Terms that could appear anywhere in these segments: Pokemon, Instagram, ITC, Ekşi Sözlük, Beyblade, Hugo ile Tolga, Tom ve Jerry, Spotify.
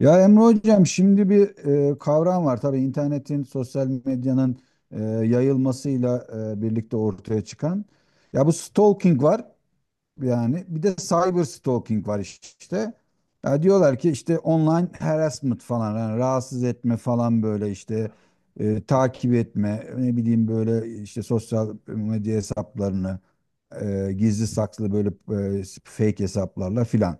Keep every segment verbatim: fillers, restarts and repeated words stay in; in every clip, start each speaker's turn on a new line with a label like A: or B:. A: Ya Emre Hocam şimdi bir e, kavram var. Tabii internetin, sosyal medyanın e, yayılmasıyla e, birlikte ortaya çıkan. Ya bu stalking var, yani bir de cyber stalking var işte. Ya diyorlar ki işte online harassment falan, yani rahatsız etme falan, böyle işte e, takip etme, ne bileyim, böyle işte sosyal medya hesaplarını e, gizli saklı, böyle e, fake hesaplarla filan.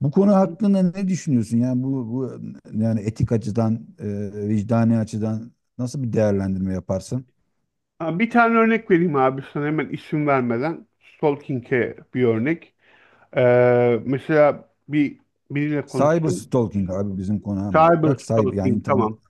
A: Bu konu hakkında ne düşünüyorsun? Yani bu, bu yani etik açıdan, e, vicdani açıdan nasıl bir değerlendirme yaparsın?
B: Ha, bir tane örnek vereyim abi sana hemen isim vermeden. Stalking'e bir örnek. Ee, mesela bir biriyle
A: Cyber
B: konuştum.
A: stalking abi bizim konu ama
B: Cyber
A: bak, cyber yani
B: stalking
A: internet.
B: tamam.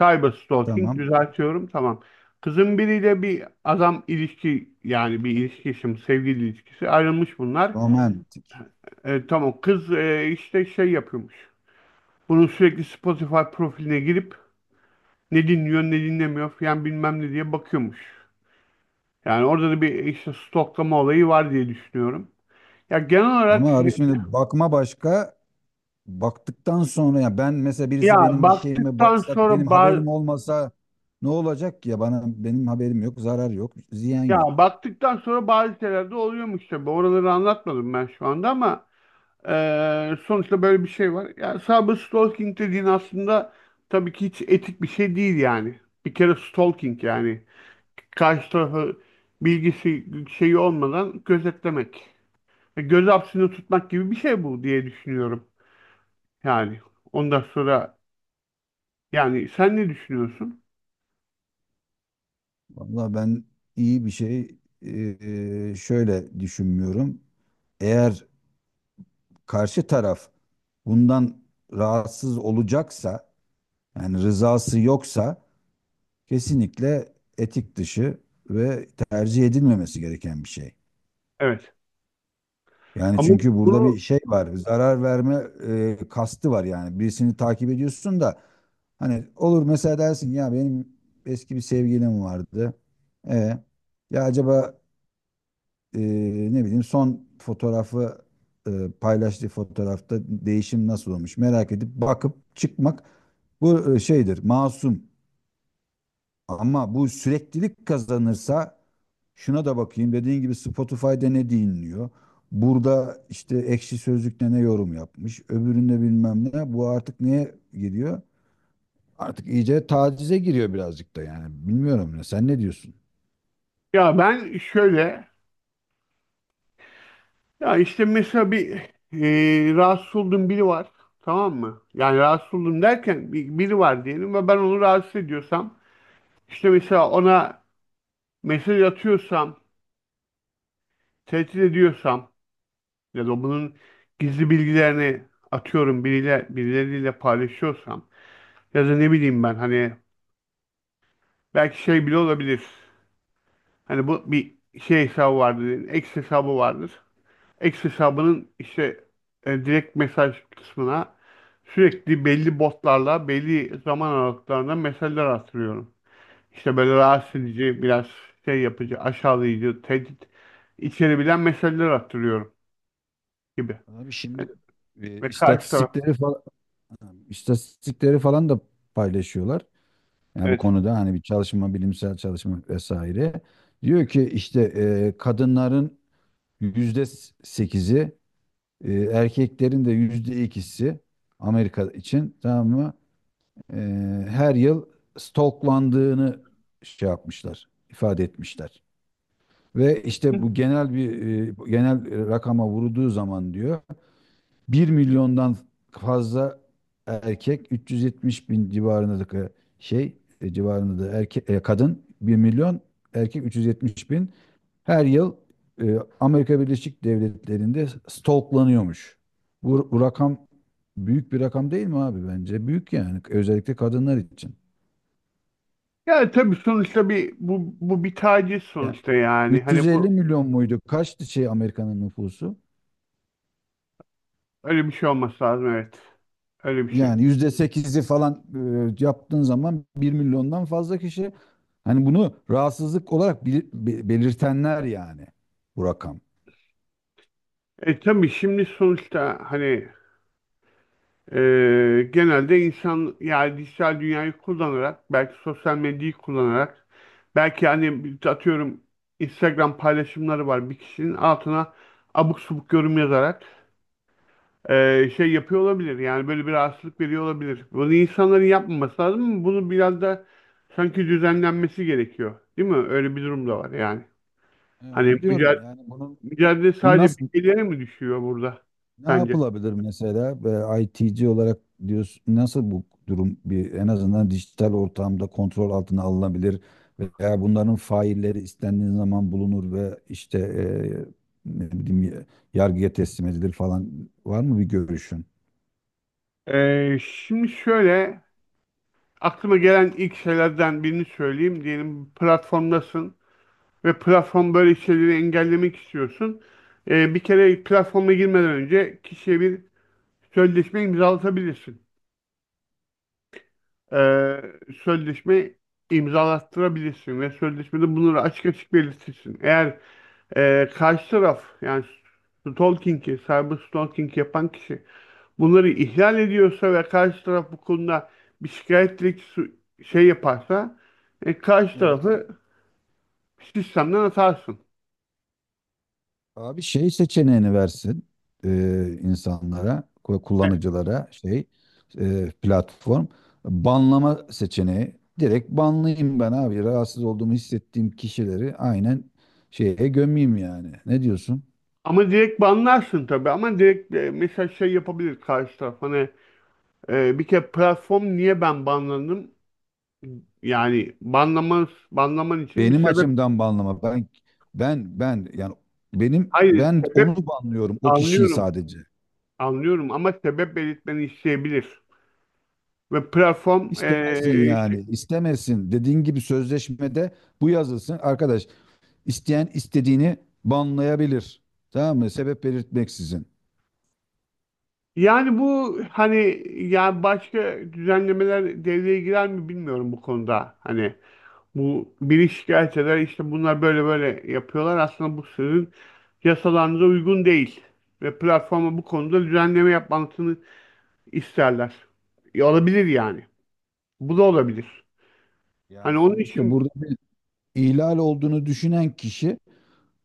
B: Cyber stalking
A: Tamam.
B: düzeltiyorum tamam. Kızın biriyle bir adam ilişki yani bir ilişki yaşam sevgili ilişkisi ayrılmış bunlar.
A: Romantik.
B: E, tamam kız e, işte şey yapıyormuş. Bunun sürekli Spotify profiline girip ne dinliyor ne dinlemiyor falan bilmem ne diye bakıyormuş. Yani orada da bir işte stoklama olayı var diye düşünüyorum. Ya genel olarak,
A: Ama abi şimdi bakma, başka baktıktan sonra, ya ben mesela birisi
B: ya
A: benim bir şeyime
B: baktıktan
A: baksa,
B: sonra
A: benim
B: ba-
A: haberim olmasa, ne olacak ki ya? Bana benim haberim yok, zarar yok, ziyan
B: ya
A: yok.
B: baktıktan sonra bazı şeyler de oluyormuş tabii. Oraları anlatmadım ben şu anda, ama e, sonuçta böyle bir şey var. Ya cyber stalking dediğin aslında tabii ki hiç etik bir şey değil yani. Bir kere stalking yani karşı tarafı, bilgisi şeyi olmadan gözetlemek. E, Göz hapsini tutmak gibi bir şey bu diye düşünüyorum. Yani ondan sonra. Yani sen ne düşünüyorsun?
A: Vallahi ben iyi bir şey e, e, şöyle düşünmüyorum. Eğer karşı taraf bundan rahatsız olacaksa, yani rızası yoksa, kesinlikle etik dışı ve tercih edilmemesi gereken bir şey.
B: Evet.
A: Yani
B: Ama
A: çünkü burada
B: bunu,
A: bir şey var, zarar verme e, kastı var yani. Birisini takip ediyorsun da hani, olur mesela dersin ya benim eski bir sevgilim vardı. E, ya acaba e, ne bileyim, son fotoğrafı e, paylaştığı fotoğrafta değişim nasıl olmuş merak edip bakıp çıkmak, bu e, şeydir, masum. Ama bu süreklilik kazanırsa, şuna da bakayım dediğin gibi, Spotify'da ne dinliyor, burada işte Ekşi Sözlük'te ne yorum yapmış, öbüründe bilmem ne, bu artık neye giriyor, artık iyice tacize giriyor birazcık da. Yani bilmiyorum ya, sen ne diyorsun?
B: ya ben şöyle, ya işte mesela bir, e, rahatsız olduğum biri var. Tamam mı? Yani rahatsız oldum derken bir- biri var diyelim ve ben onu rahatsız ediyorsam, işte mesela ona mesaj atıyorsam, tehdit ediyorsam, ya da bunun gizli bilgilerini atıyorum biriyle, birileriyle paylaşıyorsam, ya da ne bileyim ben hani belki şey bile olabilir. Hani bu bir şey hesabı vardır, X hesabı vardır. X hesabının işte e, direkt mesaj kısmına sürekli belli botlarla belli zaman aralıklarında mesajlar attırıyorum. İşte böyle rahatsız edici, biraz şey yapıcı, aşağılayıcı, tehdit içerebilen mesajlar attırıyorum gibi.
A: Abi şimdi e,
B: Ve karşı taraf,
A: istatistikleri falan. Tamam. İstatistikleri falan da paylaşıyorlar. Yani bu
B: evet.
A: konuda hani bir çalışma, bilimsel çalışma vesaire. Diyor ki işte e, kadınların yüzde sekizi, e, erkeklerin de yüzde ikisi, Amerika için, tamam mı? E, her yıl stalklandığını şey yapmışlar, ifade etmişler. Ve işte bu genel bir e, genel rakama vurulduğu zaman diyor, bir milyondan fazla erkek, 370 bin civarındaki şey, e, civarında da erkek, e, kadın bir milyon, erkek 370 bin her yıl e, Amerika Birleşik Devletleri'nde stalklanıyormuş. Bu, bu rakam büyük bir rakam değil mi abi, bence? Büyük yani, özellikle kadınlar için.
B: Yani tabii sonuçta bir, bu bu bir taciz
A: Yani
B: sonuçta yani. Hani
A: 350
B: bu
A: milyon muydu, kaçtı şey Amerika'nın nüfusu?
B: öyle bir şey olması lazım, evet. Öyle bir şey.
A: Yani yüzde sekizi falan e, yaptığın zaman, bir milyondan fazla kişi hani bunu rahatsızlık olarak bili- be- belirtenler yani, bu rakam.
B: E tabii şimdi sonuçta hani, Ee, genelde insan yani dijital dünyayı kullanarak, belki sosyal medyayı kullanarak, belki hani bir- atıyorum Instagram paylaşımları var bir kişinin altına abuk subuk yorum yazarak ee, şey yapıyor olabilir yani, böyle bir rahatsızlık veriyor olabilir. Bunu insanların yapmaması lazım ama bunu biraz da sanki düzenlenmesi gerekiyor değil mi? Öyle bir durum da var yani.
A: E,
B: Hani
A: onu diyorum
B: mücadele,
A: yani, bunun
B: mücadele
A: bu
B: sadece
A: nasıl,
B: bireylere mi düşüyor burada
A: ne
B: sence?
A: yapılabilir mesela? E, I T C olarak diyorsun, nasıl bu durum bir en azından dijital ortamda kontrol altına alınabilir, veya bunların failleri istendiği zaman bulunur ve işte e, ne bileyim, yargıya teslim edilir falan? Var mı bir görüşün?
B: Ee, şimdi şöyle. Aklıma gelen ilk şeylerden birini söyleyeyim. Diyelim platformdasın ve platform böyle şeyleri engellemek istiyorsun. Ee, bir kere platforma girmeden önce kişiye bir sözleşme imzalatabilirsin. Ee, Sözleşme imzalattırabilirsin ve sözleşmede bunları açık açık belirtirsin. Eğer e, karşı taraf, yani stalking'i, cyber stalking yapan kişi, bunları ihlal ediyorsa ve karşı taraf bu konuda bir şikayet dilekçesi şey yaparsa, e, karşı
A: Evet.
B: tarafı sistemden atarsın.
A: Abi şey seçeneğini versin e, insanlara, ku-
B: Evet.
A: kullanıcılara, şey, e, platform, banlama seçeneği. Direkt banlayayım ben abi. Rahatsız olduğumu hissettiğim kişileri aynen şeye gömeyim yani. Ne diyorsun?
B: Ama direkt banlarsın tabii, ama direkt e, mesela şey yapabilir karşı taraf hani, e, bir kere platform niye ben banlandım, yani banlaman, banlaman için bir
A: Benim
B: sebep,
A: açımdan banlama. Ben ben ben yani, benim,
B: hayır
A: ben
B: sebep,
A: onu banlıyorum o kişiyi
B: anlıyorum
A: sadece.
B: anlıyorum ama sebep belirtmeni isteyebilir ve platform e,
A: İstemesin
B: işte-
A: yani, istemesin. Dediğin gibi sözleşmede bu yazılsın. Arkadaş, İsteyen istediğini banlayabilir. Tamam mı? Sebep belirtmeksizin.
B: yani bu hani, ya başka düzenlemeler devreye girer mi bilmiyorum bu konuda hani. Bu biri şikayet eder, işte bunlar böyle böyle yapıyorlar. Aslında bu sizin yasalarınıza uygun değil. Ve platforma bu konuda düzenleme yapmasını isterler. E, olabilir yani. Bu da olabilir.
A: Yani
B: Hani onun
A: sonuçta
B: için,
A: burada bir ihlal olduğunu düşünen kişi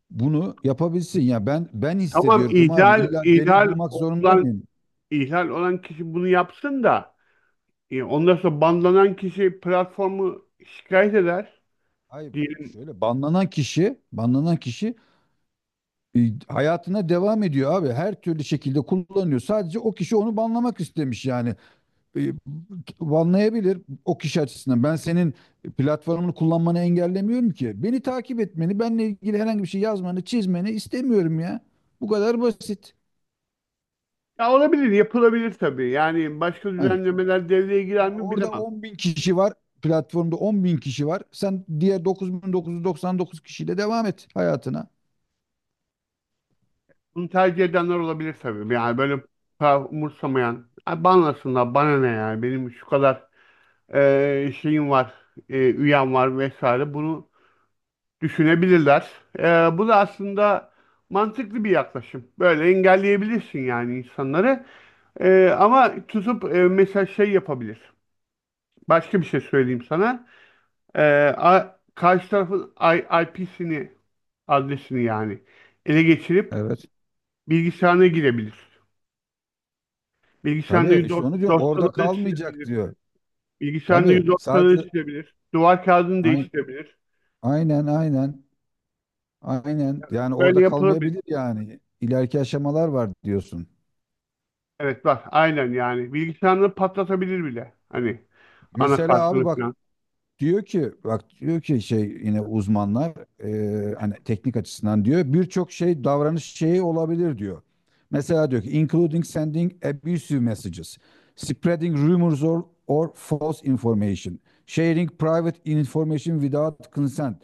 A: bunu yapabilsin. Ya ben ben
B: tamam,
A: hissediyorum abi.
B: ihlal
A: İlla delil
B: ihlal
A: bulmak zorunda
B: olan
A: mıyım?
B: ihlal olan kişi bunu yapsın da e, ondan sonra banlanan kişi platformu şikayet eder
A: Hayır.
B: diyelim.
A: Şöyle, banlanan kişi, banlanan kişi e, hayatına devam ediyor abi. Her türlü şekilde kullanıyor. Sadece o kişi onu banlamak istemiş yani. e, banlayabilir o kişi açısından. Ben senin platformunu kullanmanı engellemiyorum ki. Beni takip etmeni, benle ilgili herhangi bir şey yazmanı, çizmeni istemiyorum ya. Bu kadar basit.
B: Ya olabilir, yapılabilir tabii. Yani başka
A: Hani
B: düzenlemeler devreye girer mi
A: orada
B: bilemem.
A: 10 bin kişi var. Platformda 10 bin kişi var. Sen diğer dokuz bin dokuz yüz doksan dokuz kişiyle devam et hayatına.
B: Bunu tercih edenler olabilir tabii. Yani böyle, para umursamayan. Ay banlasınlar bana ne, yani benim şu kadar e, şeyim var, e, üyem var vesaire, bunu düşünebilirler. E, Bu da aslında mantıklı bir yaklaşım. Böyle engelleyebilirsin yani insanları. E, ama tutup e, mesela şey yapabilir. Başka bir şey söyleyeyim sana. E, a- Karşı tarafın I P'sini, adresini yani ele geçirip
A: Evet.
B: bilgisayarına girebilir. Bilgisayarında
A: Tabii, işte
B: dosyaları
A: onu diyorum. Orada
B: dosyaları
A: kalmayacak
B: silebilir.
A: diyor. Tabii.
B: Bilgisayarında
A: Sadece
B: dosyaları silebilir. Duvar kağıdını
A: Ay-
B: değiştirebilir.
A: aynen, aynen. Aynen. Yani
B: Böyle
A: orada
B: yapılabilir.
A: kalmayabilir yani. İleriki aşamalar var diyorsun.
B: Evet bak, aynen yani. Bilgisayarını patlatabilir bile. Hani
A: Mesela abi
B: anakartını
A: bak,
B: falan.
A: diyor ki, bak diyor ki, şey, yine uzmanlar e,
B: Evet.
A: hani teknik açısından diyor, birçok şey, davranış şeyi olabilir diyor. Mesela diyor ki, including sending abusive messages, spreading rumors or, or false information, sharing private information without consent.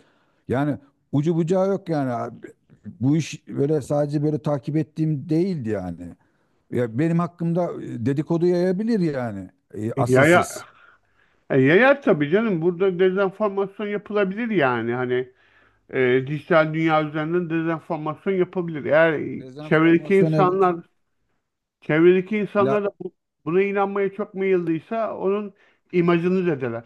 A: Yani ucu bucağı yok yani abi. Bu iş böyle sadece böyle takip ettiğim değildi yani. Ya benim hakkımda e, dedikodu yayabilir yani, e,
B: E, Yaya,
A: asılsız.
B: e, Yayar tabii canım. Burada dezenformasyon yapılabilir yani. Hani e, dijital dünya üzerinden dezenformasyon yapabilir. Eğer çevredeki
A: Dezenformasyon, evet.
B: insanlar çevredeki
A: Bla,
B: insanlar da bu- buna inanmaya çok meyilliyse, onun imajını zedeler.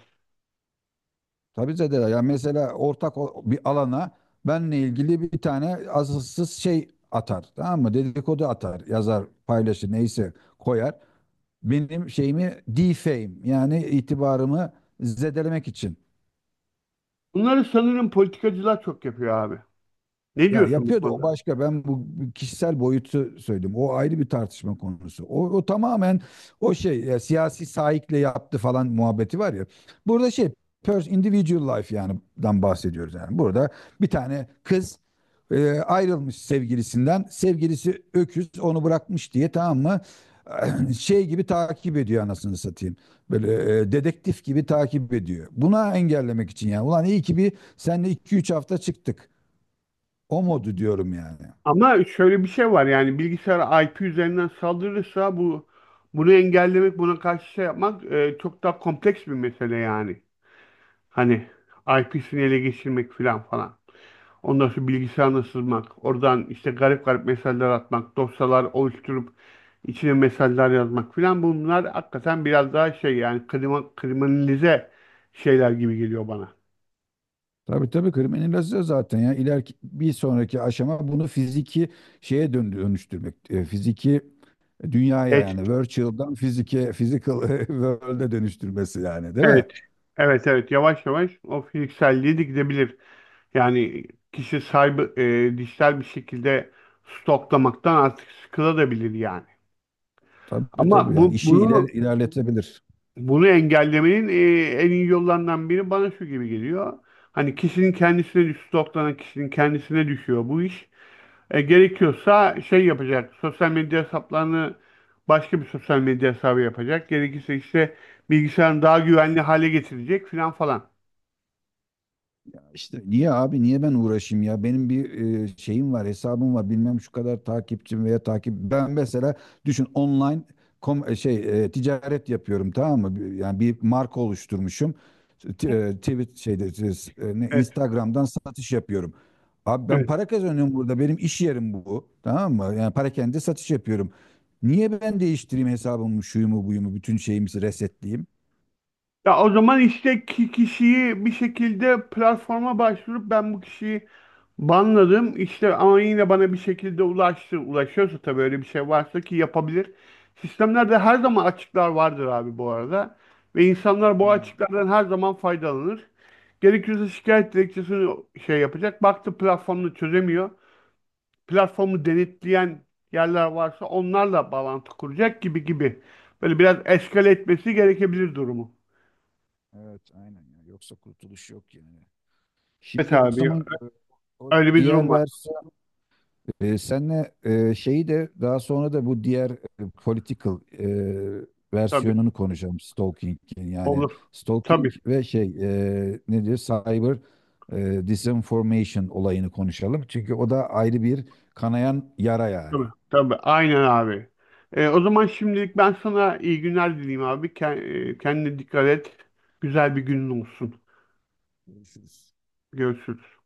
A: tabii zedeler. Yani mesela ortak o- bir alana benle ilgili bir tane asılsız şey atar. Tamam mı? Dedikodu atar, yazar, paylaşır, neyse koyar. Benim şeyimi defame yani, itibarımı zedelemek için.
B: Bunları sanırım politikacılar çok yapıyor abi. Ne
A: Ya
B: diyorsun bu
A: yapıyordu, o
B: konuda?
A: başka. Ben bu kişisel boyutu söyledim. O ayrı bir tartışma konusu. O, o tamamen o şey ya, siyasi saikle yaptı falan muhabbeti var ya. Burada şey, pers individual life yani, dan bahsediyoruz yani. Burada bir tane kız e, ayrılmış sevgilisinden. Sevgilisi öküz onu bırakmış diye, tamam mı? Şey gibi takip ediyor, anasını satayım. Böyle e, dedektif gibi takip ediyor. Buna engellemek için yani. Ulan iyi ki bir seninle iki üç hafta çıktık. O modu diyorum yani.
B: Ama şöyle bir şey var, yani bilgisayar I P üzerinden saldırırsa bu, bunu engellemek, buna karşı şey yapmak e, çok daha kompleks bir mesele yani. Hani I P'sini ele geçirmek filan falan. Ondan sonra bilgisayarına sızmak, oradan işte garip garip mesajlar atmak, dosyalar oluşturup içine mesajlar yazmak filan, bunlar hakikaten biraz daha şey yani, krima, kriminalize şeyler gibi geliyor bana.
A: Tabii, tabii, kriminalize zaten ya. İleriki bir sonraki aşama, bunu fiziki şeye dön- dönüştürmek. E, fiziki dünyaya yani, virtual'dan fizike, physical world'e dönüştürmesi yani, değil mi?
B: Evet. Evet evet, yavaş yavaş o fiziksel de gidebilir. Yani kişi sahibi e, dijital bir şekilde stoklamaktan artık sıkılabilir yani.
A: Tabii, tabii,
B: Ama
A: yani
B: bu
A: işi iler
B: bunu
A: ilerletebilir.
B: bunu engellemenin e, en iyi yollarından biri bana şu gibi geliyor. Hani kişinin kendisine düş, stoklanan kişinin kendisine düşüyor bu iş. E, gerekiyorsa şey yapacak. Sosyal medya hesaplarını, başka bir sosyal medya hesabı yapacak. Gerekirse işte bilgisayarını daha güvenli hale getirecek filan falan.
A: İşte niye abi, niye ben uğraşayım ya? Benim bir e, şeyim var, hesabım var, bilmem şu kadar takipçim. Veya takip, ben mesela düşün, online kom, e, şey e, ticaret yapıyorum, tamam mı? Bir- yani bir marka oluşturmuşum, T- e, tweet şeyde siz, e, ne,
B: Evet.
A: Instagram'dan satış yapıyorum abi, ben
B: Evet.
A: para kazanıyorum burada, benim iş yerim bu, tamam mı? Yani parakende satış yapıyorum, niye ben değiştireyim hesabımı, şuyumu buyumu, bütün şeyimizi resetleyeyim?
B: Ya o zaman işte ki kişiyi bir şekilde platforma başvurup ben bu kişiyi banladım, İşte ama yine bana bir şekilde ulaştı. Ulaşıyorsa tabii, öyle bir şey varsa ki yapabilir. Sistemlerde her zaman açıklar vardır abi bu arada. Ve insanlar bu
A: Ha.
B: açıklardan her zaman faydalanır. Gerekirse şikayet dilekçesini şey yapacak. Baktı platformunu çözemiyor. Platformu denetleyen yerler varsa onlarla bağlantı kuracak gibi gibi. Böyle biraz eskale etmesi gerekebilir durumu.
A: Evet, aynen ya. Yoksa kurtuluş yok yani.
B: Evet
A: Şimdi o
B: abi.
A: zaman e, o
B: Öyle bir durum
A: diğer
B: var.
A: versiyon, e, senle e, şeyi de daha sonra, da bu diğer e, political e,
B: Tabii.
A: versiyonunu konuşalım stalking'in yani,
B: Olur.
A: stalking
B: Tabii.
A: ve şey, e, ne diyor, cyber e, disinformation olayını konuşalım. Çünkü o da ayrı bir kanayan yara yani.
B: Tabii. Tabii. Aynen abi. Ee, o zaman şimdilik ben sana iyi günler dileyim abi. Ke- e, Kendine dikkat et. Güzel bir günün olsun.
A: Görüşürüz.
B: Görüşürüz.